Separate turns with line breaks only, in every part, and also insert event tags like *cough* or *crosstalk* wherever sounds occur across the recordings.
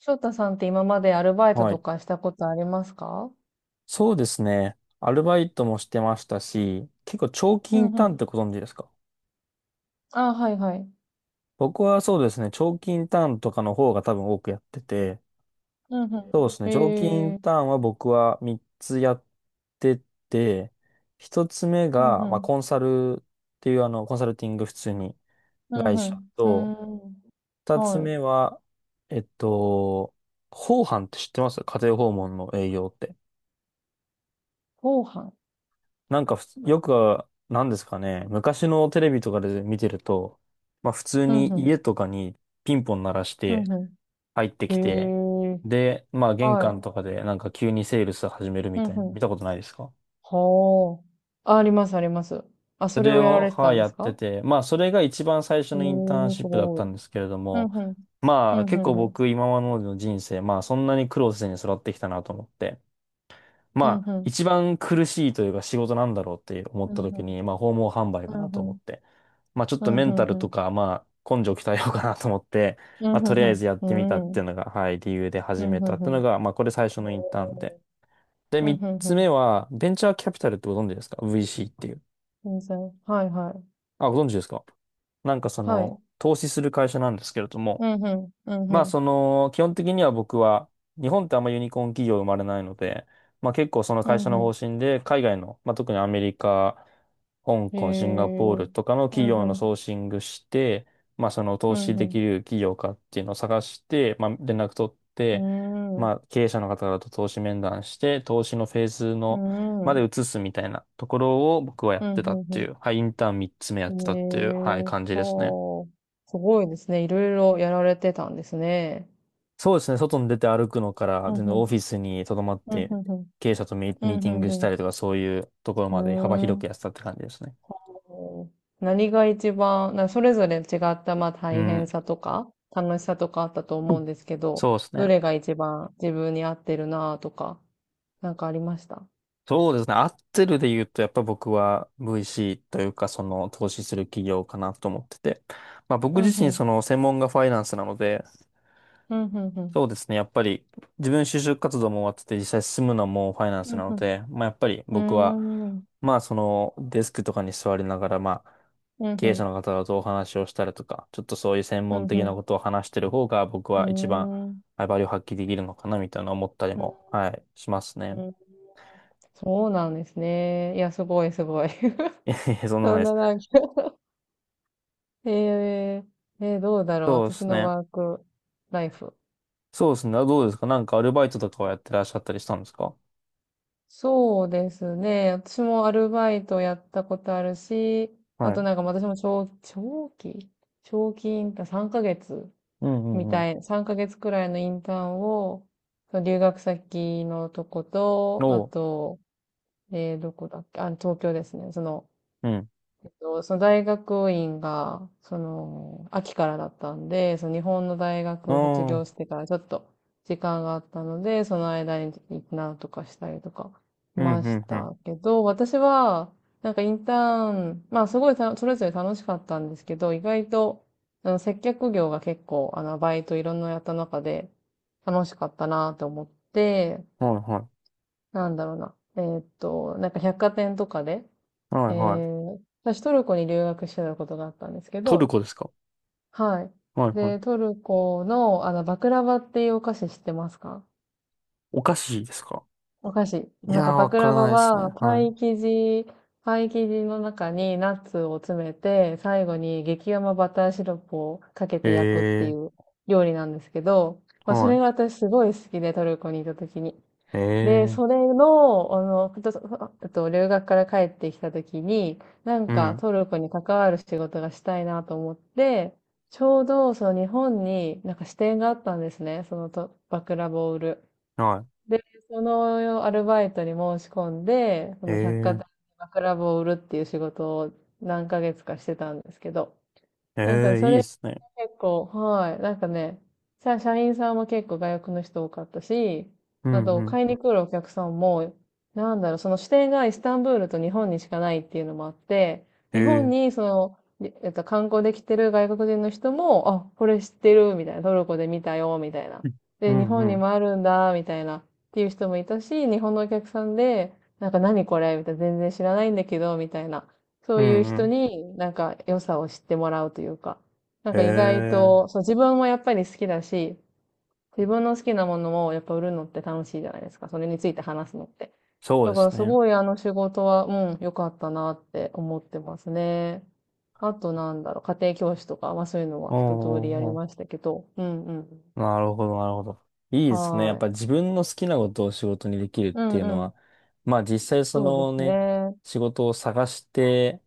翔太さんって今までアルバイト
は
と
い。
かしたことありますか？
そうですね。アルバイトもしてましたし、結構長期
う
イン
んう
ターンっ
ん。
てご存知ですか？
ああ、はいはい。
僕はそうですね、長期インターンとかの方が多分多くやってて、
うんう
そうですね、
ん。
長期イ
へ
ン
え。
ターンは僕は3つやってて、1つ目
うん
が、まあ、
うん。
コンサルっていうコンサルティング普通に
うん
会
う
社
ん。うー
と、
ん。
2つ
はい。
目は、えっと、訪販って知ってます？家庭訪問の営業って。
ご飯。
なんか、よく、なんですかね、昔のテレビとかで見てると、まあ普通
う
に
んうん。
家とかにピンポン鳴らし
う
て
んう
入ってきて、
ん。へえ。
で、まあ玄
は
関
い。
とかでなんか急にセールス始める
う
み
ん
たいな、
う
見た
ん。
ことないですか？
はあ。ありますあります。あ、
そ
それ
れ
をやら
を、
れてた
はい、
んで
や
す
って
か？
て、まあそれが一番最初
へえ、
のインターン
す
シップだっ
ご
たん
い。
ですけれど
うんう
も、
ん。う
まあ
んう
結構
んうん。
僕今までの人生、まあそんなに苦労せずに育ってきたなと思って、ま
うん
あ、
うん。
一番苦しいというか仕事なんだろうって思
う
った
んう
時
ん。
に、まあ、訪問販売か
う
なと
んう
思
ん。
って。まあ、ちょっ
う
と
ん
メ
う
ン
ん
タル
う
と
ん。
か、まあ、根性鍛えようかなと思って、
うん
まあ、と
う
り
ん
あ
う
え
ん。
ずやっ
う
てみ
んう
たっ
んう
てい
ん。
うのが、はい、理由で
う
始
んう
めたっ
んう
ていうの
ん。
が、まあ、これ最初のインターンで。
お
で、
ーうん
三
うん
つ
う
目
ん。
は、ベンチャーキャピタルってご存知ですか？ VC っていう。
全然。はいはい。
あ、ご存知ですか？なんかそ
はい。
の、投資する会社なんですけれども、
うんうん。うんう
まあ、そ
ん。
の、基本的には僕は、日本ってあんまユニコーン企業生まれないので、まあ結構その
う
会社
ん
の方
う
針で、海外の、まあ特にアメリカ、香
ん。へ
港、シンガポール
え。
とかの
う
企
ん
業の
うん。
ソーシングして、まあその投
うん
資でき
う
る企業かっていうのを探して、まあ連絡取って、
ん。うー
ま
ん。
あ経営者の方々と投資面談して、投資のフェーズ
うー
の、まで
ん。
移すみたいなところを僕はやっ
うん
てたっ
う
てい
ん
う、はい、インターン3つ目や
う
っ
ん。
てたっていう、はい、
へえうんうんうんう
感じですね。
んうーんうんうんうんうんへえほう。すごいですね。いろいろやられてたんですね。
そうですね、外に出て歩くのから、
うん
全然
う
オ
ん。
フィスに留まっ
うんう
て、
んうん。
経営者とミ
う
ミー
ん
ティングし
う
た
ん
りとか、そういうところ
う
まで幅
ん。う
広
ー
くやっ
ん。
てたって感じですね。
こう何が一番、それぞれ違ったまあ
う
大
ん。
変さとか楽しさとかあったと
う
思う
ん、
んですけど、
そうです
ど
ね。
れが一番自分に合ってるなとか、なんかありました？
そうですね。合ってるで言うと、やっぱ僕は VC というか、その投資する企業かなと思ってて。まあ僕
うん
自身、
うん。
その専門がファイナンスなので、
うんうんうん。
そうですね。やっぱり自分就職活動も終わってて実際進むのもファイナン
う
ス
ん
なの
う
で、まあやっぱり僕は、
ん。うーん。
まあそのデスクとかに座りながら、まあ
うん
経
う
営者
ん。
の方とお話をしたりとか、ちょっとそういう専
うん
門的な
う
ことを話してる方が僕は一番、
ん。うーん。
はい、バリューを発揮できるのかなみたいな思ったり
う
も、
ん
はい、します
う
ね。
ん。そうなんですね。いや、すごいすごい。
いやい
*laughs*
やそんなことな
そ
い
ん
です。
ななんか、えどうだろう。
そうで
私
す
の
ね。
ワークライフ。
そうですね。あ、どうですか？なんかアルバイトとかはやってらっしゃったりしたんですか？
そうですね。私もアルバイトやったことあるし、あ
は
と
い。
なんか私も長期インターン、3ヶ月
うん
み
うんうん。
たい、3ヶ月くらいのインターンを、その留学先のとこと、あ
おう。
と、どこだっけ、あ、東京ですね。その、
うん。
その大学院が、その、秋からだったんで、その日本の大
あ
学を卒業し
あ。
てからちょっと時間があったので、その間になんとかしたりとかし
うん
ま
う
し
んうん。
たけど、私は、なんかインターン、まあすごいそれぞれ楽しかったんですけど、意外と、接客業が結構、バイトいろんなやった中で楽しかったなと思って、
はいはい。
なんだろうな。なんか百貨店とかで、
はいはい。
私トルコに留学してたことがあったんですけ
トル
ど、
コですか？
はい。
はいは
で、
い。
トルコの、バクラバっていうお菓子知ってますか？
お菓子ですか？
お菓子。
い
な
や
ん
ー、
かバ
わ
ク
か
ラ
ら
バ
ないです
は、
ね。
パ
は
イ生地、パイ生地の中にナッツを詰めて、最後に激甘バターシロップをかけて焼くってい
い。ええ
う料理なんですけど、
ー、
まあ、そ
は
れ
い。
が私すごい好きで、トルコにいた時に。
ええ
で、
ー、
それの、あの、ふとそあえっと、留学から帰ってきたときに、なん
う
か
ん。
トルコに関わる仕事がしたいなと思って、ちょうどその日本になんか支店があったんですね、そのと、バクラボを売ル。
は
で、そのアルバイトに申し込んで、その百貨
い。
店で
ええ
バクラボを売るっていう仕事を何ヶ月かしてたんですけど、
ー、え
なんか
えー、
そ
いいで
れ
すね。
結構、はい。なんかね、社員さんも結構外国の人多かったし、
う
あ
んう
と、
ん。
買いに来るお客さんも、なんだろう、その支店がイスタンブールと日本にしかないっていうのもあって、
え
日
え
本
ー、
にその、りえっと、観光できてる外国人の人も、あ、これ知ってる、みたいな、トルコで見たよ、みたいな。
う
で、日
んう
本に
ん。
もあるんだ、みたいな、っていう人もいたし、日本のお客さんで、なんか何これ、みたいな、全然知らないんだけど、みたいな。そ
う
ういう
んう
人
ん。
になんか良さを知ってもらうというか、なん
え
か意外
え
と、
ー、
そう、自分もやっぱり好きだし、自分の好きなものをやっぱ売るのって楽しいじゃないですか。それについて話すのって。
そう
だ
で
から
す
す
ね。
ごいあの仕事は、うん、良かったなって思ってますね。あとなんだろう、家庭教師とか、まあそういうの
お
は
お
一通りやり
ーお
まし
ー、
たけど、うんうん。
なるほど、なるほど。いいですね。やっ
はー
ぱ
い。
自分の好きなことを仕事にできるっ
う
てい
ん
うの
うん。
は、まあ実際そ
そうで
の
す
ね、
ね。
仕事を探して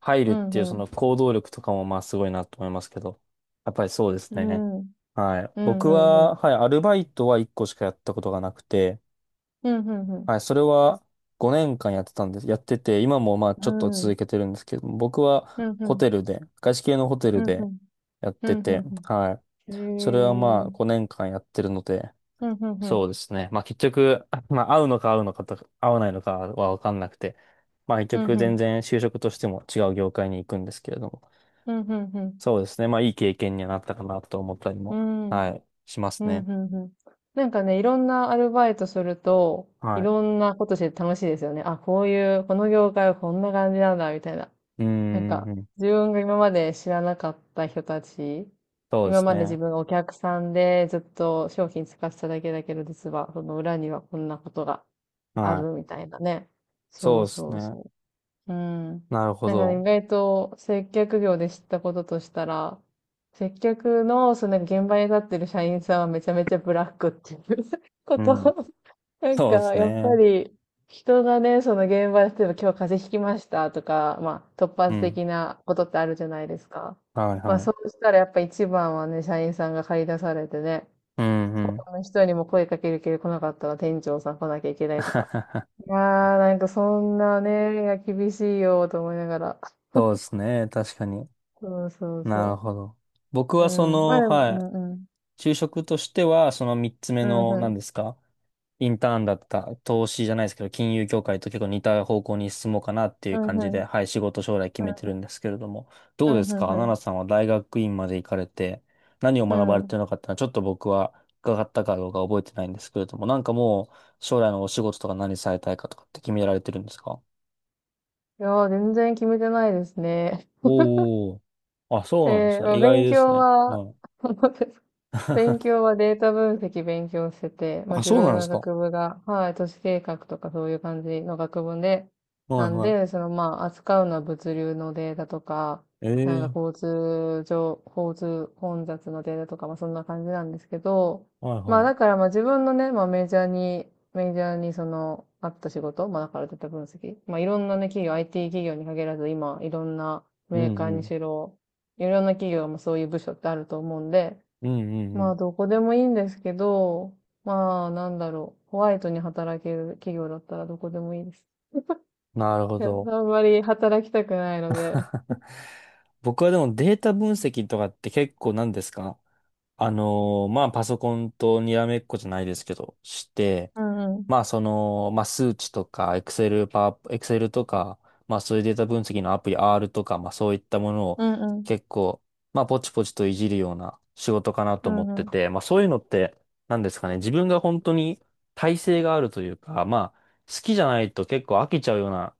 入る
う
っ
ん
ていう
う
そ
ん。
の行動力とかもまあすごいなと思いますけど、やっぱりそうです
う
ね。
ん。うん
はい。
う
僕
んう
は、
ん。
はい、アルバイトは1個しかやったことがなくて、
うんうんうん。
はい、それは5年間やってたんです。やってて、今もまあち
う
ょっと続
ん。
けてるんですけど、僕
う
は
んう
ホ
ん。
テルで、外資系のホテ
う
ル
んう
で
ん。
やっ
う
て
んう
て、
ん
はい。
う
それはま
ん。へ
あ
え。
5年間やってるので、
うんうんう
そう
ん。
ですね。まあ結局、*laughs* まあ合うのかと、合わないのかはわかんなくて、まあ
う
結
ん、
局
う
全
ん。
然就職としても違う業界に行くんですけれども、
うん、うんうん。
そうですね。まあいい経験にはなったかなと思ったり
う
も、
ん、うん、
はい、しま
う
す
ん
ね。
うん。なんかね、いろんなアルバイトすると、い
はい。
ろんなことして楽しいですよね。あ、こういう、この業界はこんな感じなんだ、みたいな。
うー
なんか、
ん、
自分が今まで知らなかった人たち、
そうで
今
す
まで自
ね。
分がお客さんでずっと商品使ってただけだけど、実は、その裏にはこんなことがあ
はい。
るみたいなね。そ
そう
う
です
そう
ね。
そう。うん。
なるほ
なんかね、
ど。
意外と接客業で知ったこととしたら、接客の、そのなんか現場に立ってる社員さんはめちゃめちゃブラックっていう *laughs* こ
う
と。
ん。
なん
そうで
か、
す
やっぱ
ね。
り、人がね、その現場で、例えば今日風邪ひきましたとか、まあ、突
う
発
ん。
的なことってあるじゃないですか。
はい
まあ、
は
そ
い。
うしたらやっぱ一番はね、社員さんが駆り出されてね、
うんうん。
この人にも声かけるけど来なかったら店長さん来なきゃいけないとか。
*laughs*
いやー、なんかそんなね、いや厳しいよと思いながら。
そうですね。確かに。
そうそう
なる
そ
ほど。僕
う。う
はそ
ん。まあ
の、
でも、う
はい。
んうん。
就職としては、その三つ目
うん
の、
う
何で
ん。
すか？インターンだった、投資じゃないですけど、金融業界と結構似た方向に進もうかなってい
う
う
ん
感
う
じで、
ん。
はい、仕事将来決めてる
う
んですけれども、ど
ん
うで
うん
すか？
う
奈々
ん。
さんは大学院まで行かれて、何を
う
学
ん。
ばれ
う
て
ん。
るのかっていうのは、ちょっと僕は伺ったかどうか覚えてないんですけれども、なんかもう、将来のお仕事とか何されたいかとかって決められてるんですか？
いやー、全然決めてないですね。
おー。あ、
*laughs*
そうなんで
え
す
ー、ま
ね。
あ
意外
勉
です
強
ね。
は、
はい。
*laughs* 勉強
*laughs*
はデータ分析勉強してて、まあ、
あ、
自
そうな
分
んで
の
すか。
学部が、はい、都市計画とかそういう感じの学部で、
は
な
い
ん
は
で、そのまあ、扱うのは物流のデータとか、なん
い。え
か
え、
交通混雑のデータとか、まあ、そんな感じなんですけど、
はい
ま
は
あ、だ
い。
からまあ、自分のね、まあ、メジャーにその、あった仕事、まあ、だからデータ分析、まあ、いろんなね、企業、IT 企業に限らず、今、いろんな
う
メー
ん
カー
う
に
ん。
しろ、いろんな企業もそういう部署ってあると思うんで、
うんうんう
まあ、
ん。
どこでもいいんですけど、まあ、なんだろう。ホワイトに働ける企業だったらどこでもいいです。
なるほ
いや、あ
ど。
んまり働きたくないので。
*laughs* 僕はでもデータ分析とかって結構何ですか？まあパソコンとにらめっこじゃないですけど、して、
うんうん。
まあその、まあ数値とか、Excel、パワー、Excel とか、まあそういうデータ分析のアプリ R とか、まあそういったものを
うんうん。
結構、まあポチポチといじるような仕事かな
う
と思っ
ん
て
うん。
て、まあそういうのって何ですかね、自分が本当に耐性があるというか、まあ好きじゃないと結構飽きちゃうような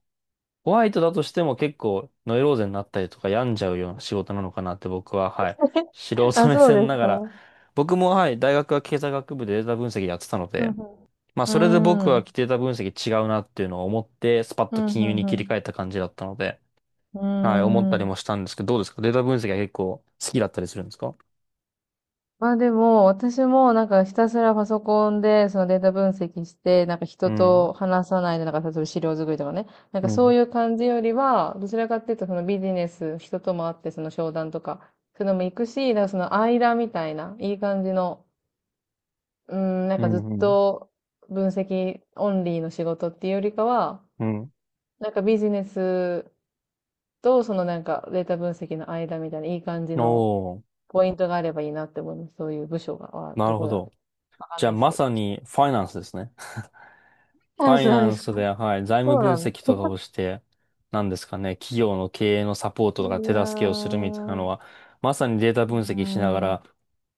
ホワイトだとしても結構ノイローゼになったりとか病んじゃうような仕事なのかなって僕は、はい、素
*laughs*
人
あ、
目
そう
線
で
な
す
が
か。
ら、
うん
*laughs* 僕も、はい、大学は経済学部でデータ分析やってたの
う
で、
ん。う
まあそれで僕
ー
は
ん。
データ分析違うなっていうのを思って、スパッ
う
と
んう
金融
ん
に切
う
り
ん。
替えた感じだったので、
う
はい、思った
ー
り
ん。
もしたんですけど、どうですか？データ分析は結構好きだったりするんですか？
まあでも、私もなんかひたすらパソコンでそのデータ分析して、なんか
う
人
ん、
と話さないで、なんか例えば資料作りとかね、なん
う
かそう
ん、
いう感じよりは、どちらかっていうとそのビジネス、人とも会ってその商談とか、そういうのも行くし、なんかその間みたいな、いい感じの、うん、なん
う
かずっ
ん、うん。
と分析オンリーの仕事っていうよりかは、
うん、
なんかビジネスとそのなんかデータ分析の間みたいな、いい感じ
お
の
ー、
ポイントがあればいいなって思います。そういう部署が、は
な
ど
るほ
こだろ
ど。
う。わかん
じゃ
な
あ
いです
ま
けど。
さにファイナンスですね。フ
あ、
ァイ
そう
ナ
で
ン
す
ス
か。
で、はい、財務
そう
分
なんです。
析とかをして、なんですかね、企業の経営のサポー
*laughs*
ト
い
とか手
や
助けをするみたいな
ー、
のは、まさにデータ
う
分
ー
析しなが
ん、う
ら、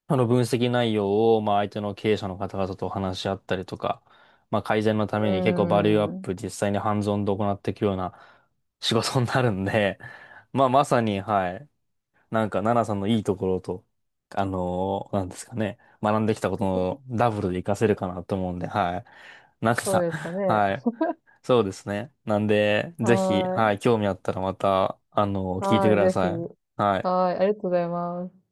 あの分析内容を、まあ相手の経営者の方々と話し合ったりとか、まあ改善のた
ー
めに結構バリューアッ
ん、
プ実際にハンズオンで行っていくような *laughs* 仕事になるんで、まあまさに、はい、なんか奈々さんのいいところと、なんですかね、学んできたことのダブルで活かせるかなと思うんで、はい。なんか、
そうですかね。
はい。そうですね。なんで、ぜひ、
はー
は
い。
い、興味あったらまた、聞い
は
てく
ーい、
だ
ぜひ。
さい。はい。
はーい、ありがとうございます。